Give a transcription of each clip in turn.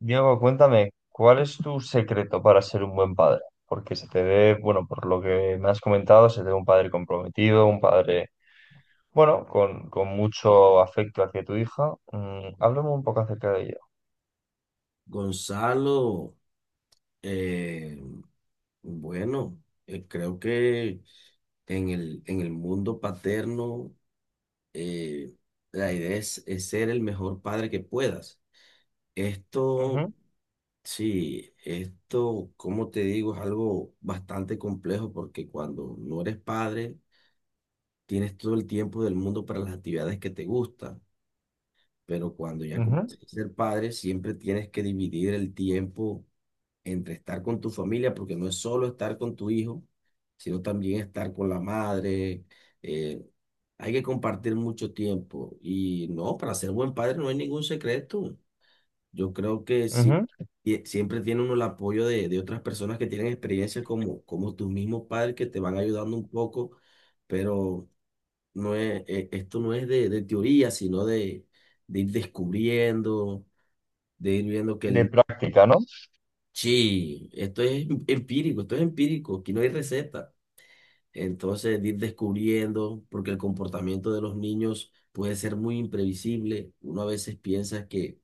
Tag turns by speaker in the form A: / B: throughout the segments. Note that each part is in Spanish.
A: Diego, cuéntame, ¿cuál es tu secreto para ser un buen padre? Porque se te ve, bueno, por lo que me has comentado, se te ve un padre comprometido, un padre, bueno, con mucho afecto hacia tu hija. Háblame un poco acerca de ello.
B: Gonzalo, eh, bueno, creo que en en el mundo paterno, eh, la idea es ser el mejor padre que puedas. Esto,
A: Ujú,
B: sí, esto, como te digo, es algo bastante complejo porque cuando no eres padre, tienes todo el tiempo del mundo para las actividades que te gustan, pero cuando ya
A: ujú,
B: comienzas a ser padre, siempre tienes que dividir el tiempo entre estar con tu familia, porque no es solo estar con tu hijo, sino también estar con la madre. eh, Hay que compartir mucho tiempo. Y no, para ser buen padre no hay ningún secreto. Yo creo que sí,
A: ujú.
B: y siempre tiene uno el apoyo de otras personas que tienen experiencia como, como tus mismos padres que te van ayudando un poco, pero no esto no es de teoría, sino de ir descubriendo, de ir viendo que
A: De
B: el.
A: práctica, ¿no?
B: Sí, esto es empírico, esto es empírico, aquí no hay receta. Entonces, de ir descubriendo, porque el comportamiento de los niños puede ser muy imprevisible. Uno a veces piensa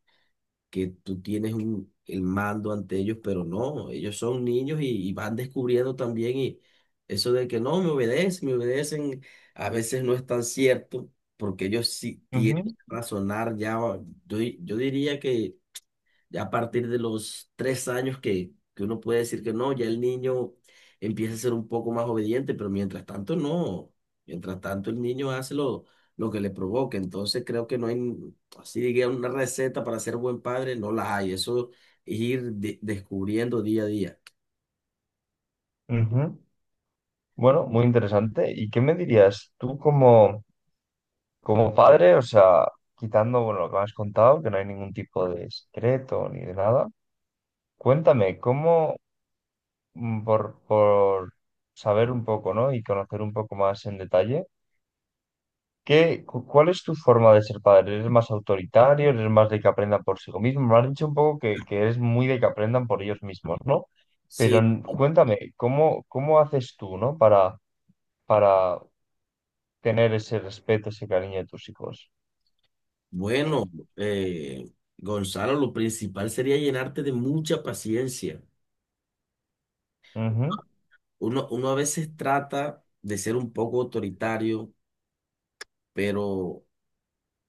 B: que tú tienes el mando ante ellos, pero no, ellos son niños y van descubriendo también y eso de que no, me obedecen, a veces no es tan cierto, porque ellos sí tienen
A: Ujú,
B: que razonar ya, yo, yo diría que ya a partir de los tres años que uno puede decir que no, ya el niño empieza a ser un poco más obediente, pero mientras tanto no, mientras tanto el niño hace lo que le provoca, entonces creo que no hay, así diga, una receta para ser buen padre, no la hay, eso es ir descubriendo día a día.
A: ujú. Bueno, muy interesante. ¿Y qué me dirías tú como, como padre? O sea, quitando, bueno, lo que me has contado, que no hay ningún tipo de secreto ni de nada. Cuéntame, ¿cómo, por saber un poco, ¿no? Y conocer un poco más en detalle. ¿Qué, cuál es tu forma de ser padre? ¿Eres más autoritario? ¿Eres más de que aprendan por sí mismos? Me has dicho un poco que eres muy de que aprendan por ellos mismos, ¿no? Pero
B: Sí,
A: cuéntame, ¿cómo, cómo haces tú, ¿no? Para tener ese respeto, ese cariño de tus hijos.
B: bueno, eh, Gonzalo, lo principal sería llenarte de mucha paciencia.
A: Ujú,
B: Uno, uno a veces trata de ser un poco autoritario, pero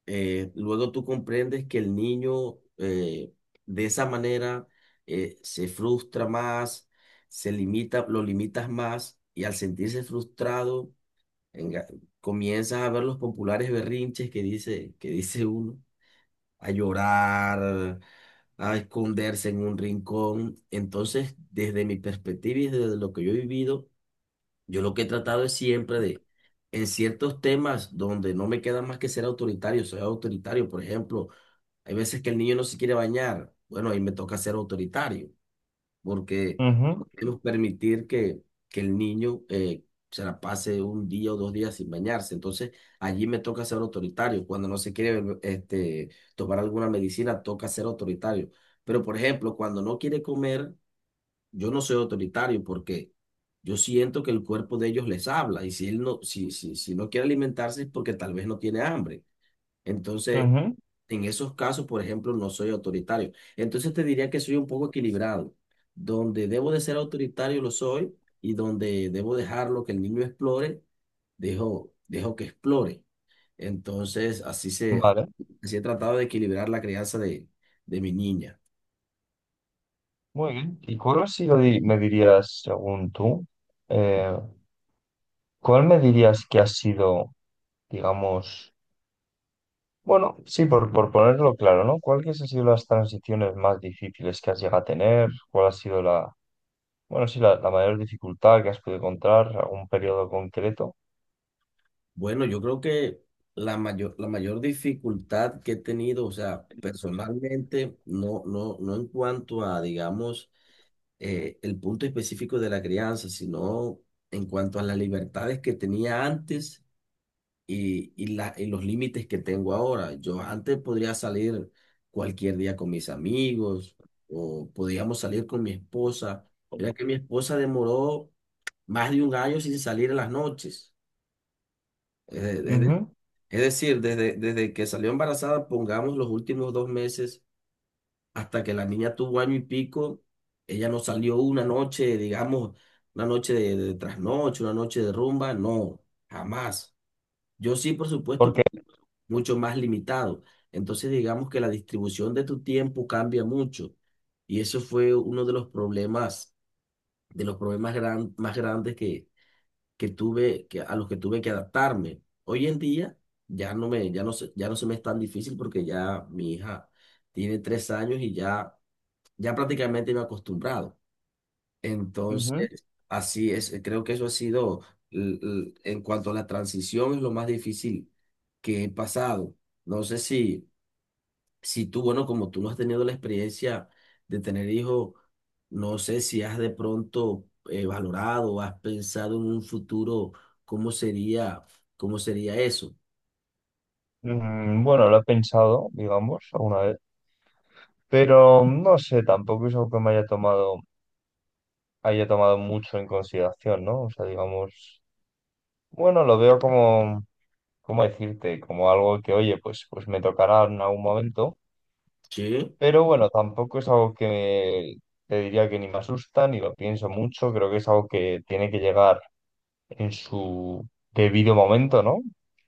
B: luego tú comprendes que el niño, de esa manera, se frustra más, se limita, lo limitas más y al sentirse frustrado enga- comienzas a ver los populares berrinches que dice uno, a llorar, a esconderse en un rincón. Entonces, desde mi perspectiva y desde lo que yo he vivido, yo lo que he tratado es siempre de... En ciertos temas donde no me queda más que ser autoritario, soy autoritario. Por ejemplo, hay veces que el niño no se quiere bañar. Bueno, ahí me toca ser autoritario, porque
A: ujú,
B: debemos permitir que el niño, se la pase un día o dos días sin bañarse. Entonces, allí me toca ser autoritario. Cuando no se quiere este, tomar alguna medicina, toca ser autoritario. Pero, por ejemplo, cuando no quiere comer, yo no soy autoritario porque yo siento que el cuerpo de ellos les habla. Y si él no, si, si no quiere alimentarse es porque tal vez no tiene hambre. Entonces,
A: ujú.
B: en esos casos, por ejemplo, no soy autoritario. Entonces te diría que soy un poco equilibrado. Donde debo de ser autoritario lo soy y donde debo dejarlo que el niño explore, dejo, dejo que explore. Entonces, así se,
A: Vale,
B: así he tratado de equilibrar la crianza de mi niña.
A: muy bien. ¿Y cuál ha sido, me dirías, según tú, eh, cuál me dirías que ha sido digamos, bueno, sí, por ponerlo claro, ¿no? ¿Cuáles han sido las transiciones más difíciles que has llegado a tener? ¿Cuál ha sido la, bueno, sí, la mayor dificultad que has podido encontrar? ¿Algún periodo concreto?
B: Bueno, yo creo que la mayor dificultad que he tenido, o sea, personalmente, no, no en cuanto a, digamos, el punto específico de la crianza, sino en cuanto a las libertades que tenía antes y, y los límites que tengo ahora. Yo antes podría salir cualquier día con mis amigos o podíamos salir con mi esposa. Mira que mi esposa demoró más de un año sin salir en las noches. Es,
A: Ujú.
B: es decir, desde, desde que salió embarazada, pongamos los últimos dos meses hasta que la niña tuvo año y pico, ella no salió una noche, digamos, una noche de trasnoche, una noche de rumba, no, jamás. Yo sí, por supuesto,
A: Porque,
B: mucho más limitado. Entonces, digamos que la distribución de tu tiempo cambia mucho. Y eso fue uno de los problemas más grandes que tuve, que, a los que tuve que adaptarme. Hoy en día ya no me, ya no se me es tan difícil porque ya mi hija tiene tres años y ya prácticamente me he acostumbrado.
A: ujú,
B: Entonces, así es, creo que eso ha sido, en cuanto a la transición, es lo más difícil que he pasado. No sé si, si tú, bueno, como tú no has tenido la experiencia de tener hijos, no sé si has de pronto valorado, has pensado en un futuro, cómo sería, cómo sería eso.
A: bueno, lo he pensado, digamos, alguna vez, pero no sé, tampoco es algo que me haya tomado mucho en consideración, ¿no? O sea, digamos, bueno, lo veo como... ¿Cómo decirte? Como algo que, oye, pues, pues me tocará en algún momento.
B: Sí,
A: Pero bueno, tampoco es algo que te diría que ni me asusta, ni lo pienso mucho. Creo que es algo que tiene que llegar en su debido momento, ¿no?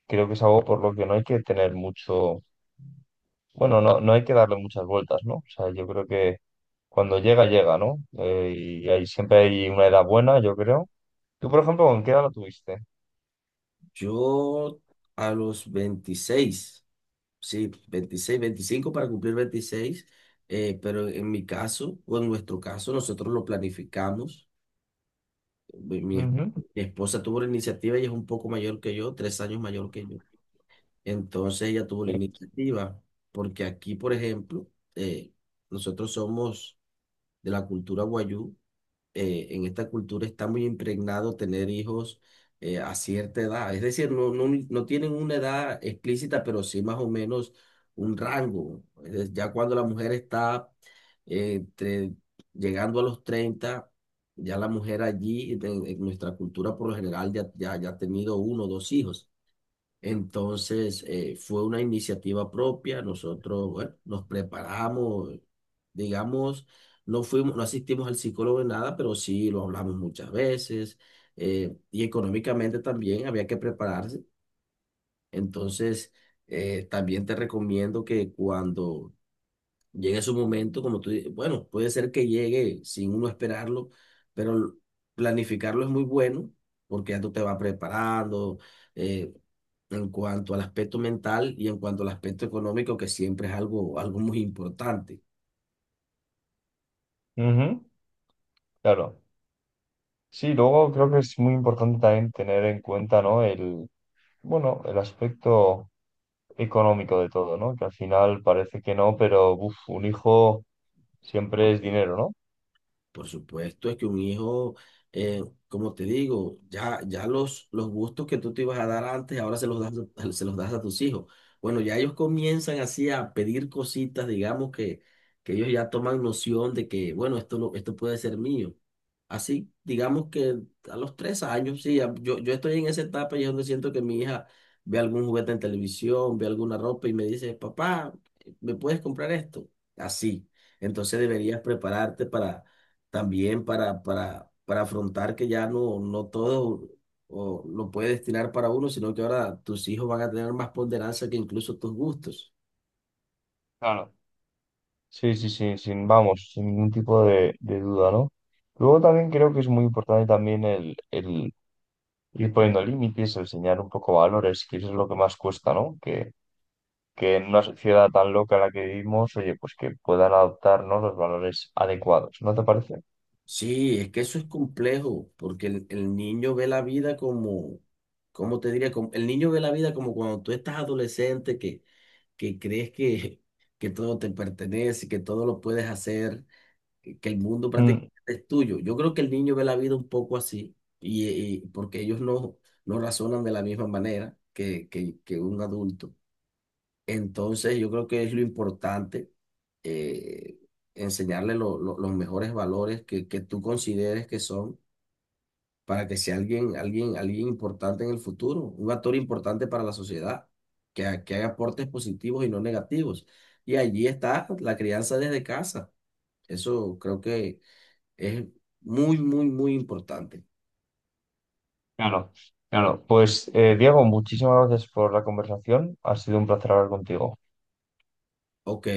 A: Creo que es algo por lo que no hay que tener mucho, bueno, no, no hay que darle muchas vueltas, ¿no? O sea, yo creo que cuando llega, llega, ¿no? Y hay, siempre hay una edad buena, yo creo. Tú, por ejemplo, ¿con qué edad lo tuviste?
B: yo a los 26. Sí, 26, 25 para cumplir 26 pero en mi caso, o en nuestro caso, nosotros lo planificamos. Mi
A: Ujú.
B: mi esposa tuvo la iniciativa, ella es un poco mayor que yo, tres años mayor que yo. Entonces ella tuvo la
A: Sí.
B: iniciativa, porque aquí, por ejemplo, eh, nosotros somos de la cultura guayú, en esta cultura está muy impregnado tener hijos a cierta edad. Es decir, no, no tienen una edad explícita, pero sí más o menos un rango. Es decir, ya cuando la mujer está, eh, entre- llegando a los 30, ya la mujer allí, en nuestra cultura por lo general, ya, ya ha tenido uno o dos hijos. Entonces, fue una iniciativa propia. Nosotros, bueno, nos preparamos, digamos, no fuimos, no asistimos al psicólogo en nada, pero sí lo hablamos muchas veces. Y económicamente también había que prepararse. Entonces, también te recomiendo que cuando llegue su momento, como tú, bueno, puede ser que llegue sin uno esperarlo, pero planificarlo es muy bueno porque ya tú te vas preparando, eh, en cuanto al aspecto mental y en cuanto al aspecto económico, que siempre es algo, algo muy importante.
A: Ujú. Claro. Sí, luego creo que es muy importante también tener en cuenta, ¿no? El, bueno, el aspecto económico de todo, ¿no? Que al final parece que no, pero uf, un hijo siempre es dinero, ¿no?
B: Por supuesto, es que un hijo, eh, como te digo, ya, ya los gustos que tú te ibas a dar antes, ahora se los das, se los das a tus hijos. Bueno, ya ellos comienzan así a pedir cositas, digamos que ellos ya toman noción de que, bueno, esto, esto puede ser mío. Así, digamos que a los tres años, sí, yo, yo estoy en esa etapa y es donde siento que mi hija ve algún juguete en televisión, ve alguna ropa y me dice, papá, ¿me puedes comprar esto? Así. Entonces deberías prepararte también para afrontar que ya no, no todo o, lo puede destinar para uno, sino que ahora tus hijos van a tener más ponderancia que incluso tus gustos.
A: Claro. Sí, sí, sí, sin, vamos, sin ningún tipo de duda, ¿no? Luego también creo que es muy importante también el ir poniendo límites, el enseñar un poco valores, que eso es lo que más cuesta, ¿no? Que en una sociedad tan loca en la que vivimos, oye, pues que puedan adoptarnos los valores adecuados, ¿no te parece?
B: Sí, es que eso es complejo, porque el niño ve la vida como, ¿cómo te diría? Como, el niño ve la vida como cuando tú estás adolescente, que crees que todo te pertenece, que todo lo puedes hacer, que el mundo
A: Mm.
B: prácticamente es tuyo. Yo creo que el niño ve la vida un poco así, y, porque ellos no, no razonan de la misma manera que, que un adulto. Entonces, yo creo que es lo importante, eh, enseñarle los mejores valores que tú consideres que son para que sea alguien, alguien, alguien importante en el futuro, un actor importante para la sociedad, que, que haga aportes positivos y no negativos. Y allí está la crianza desde casa. Eso creo que es muy, muy, muy importante.
A: Claro, claro. Pues, Diego, muchísimas gracias por la conversación. Ha sido un placer hablar contigo.
B: Ok.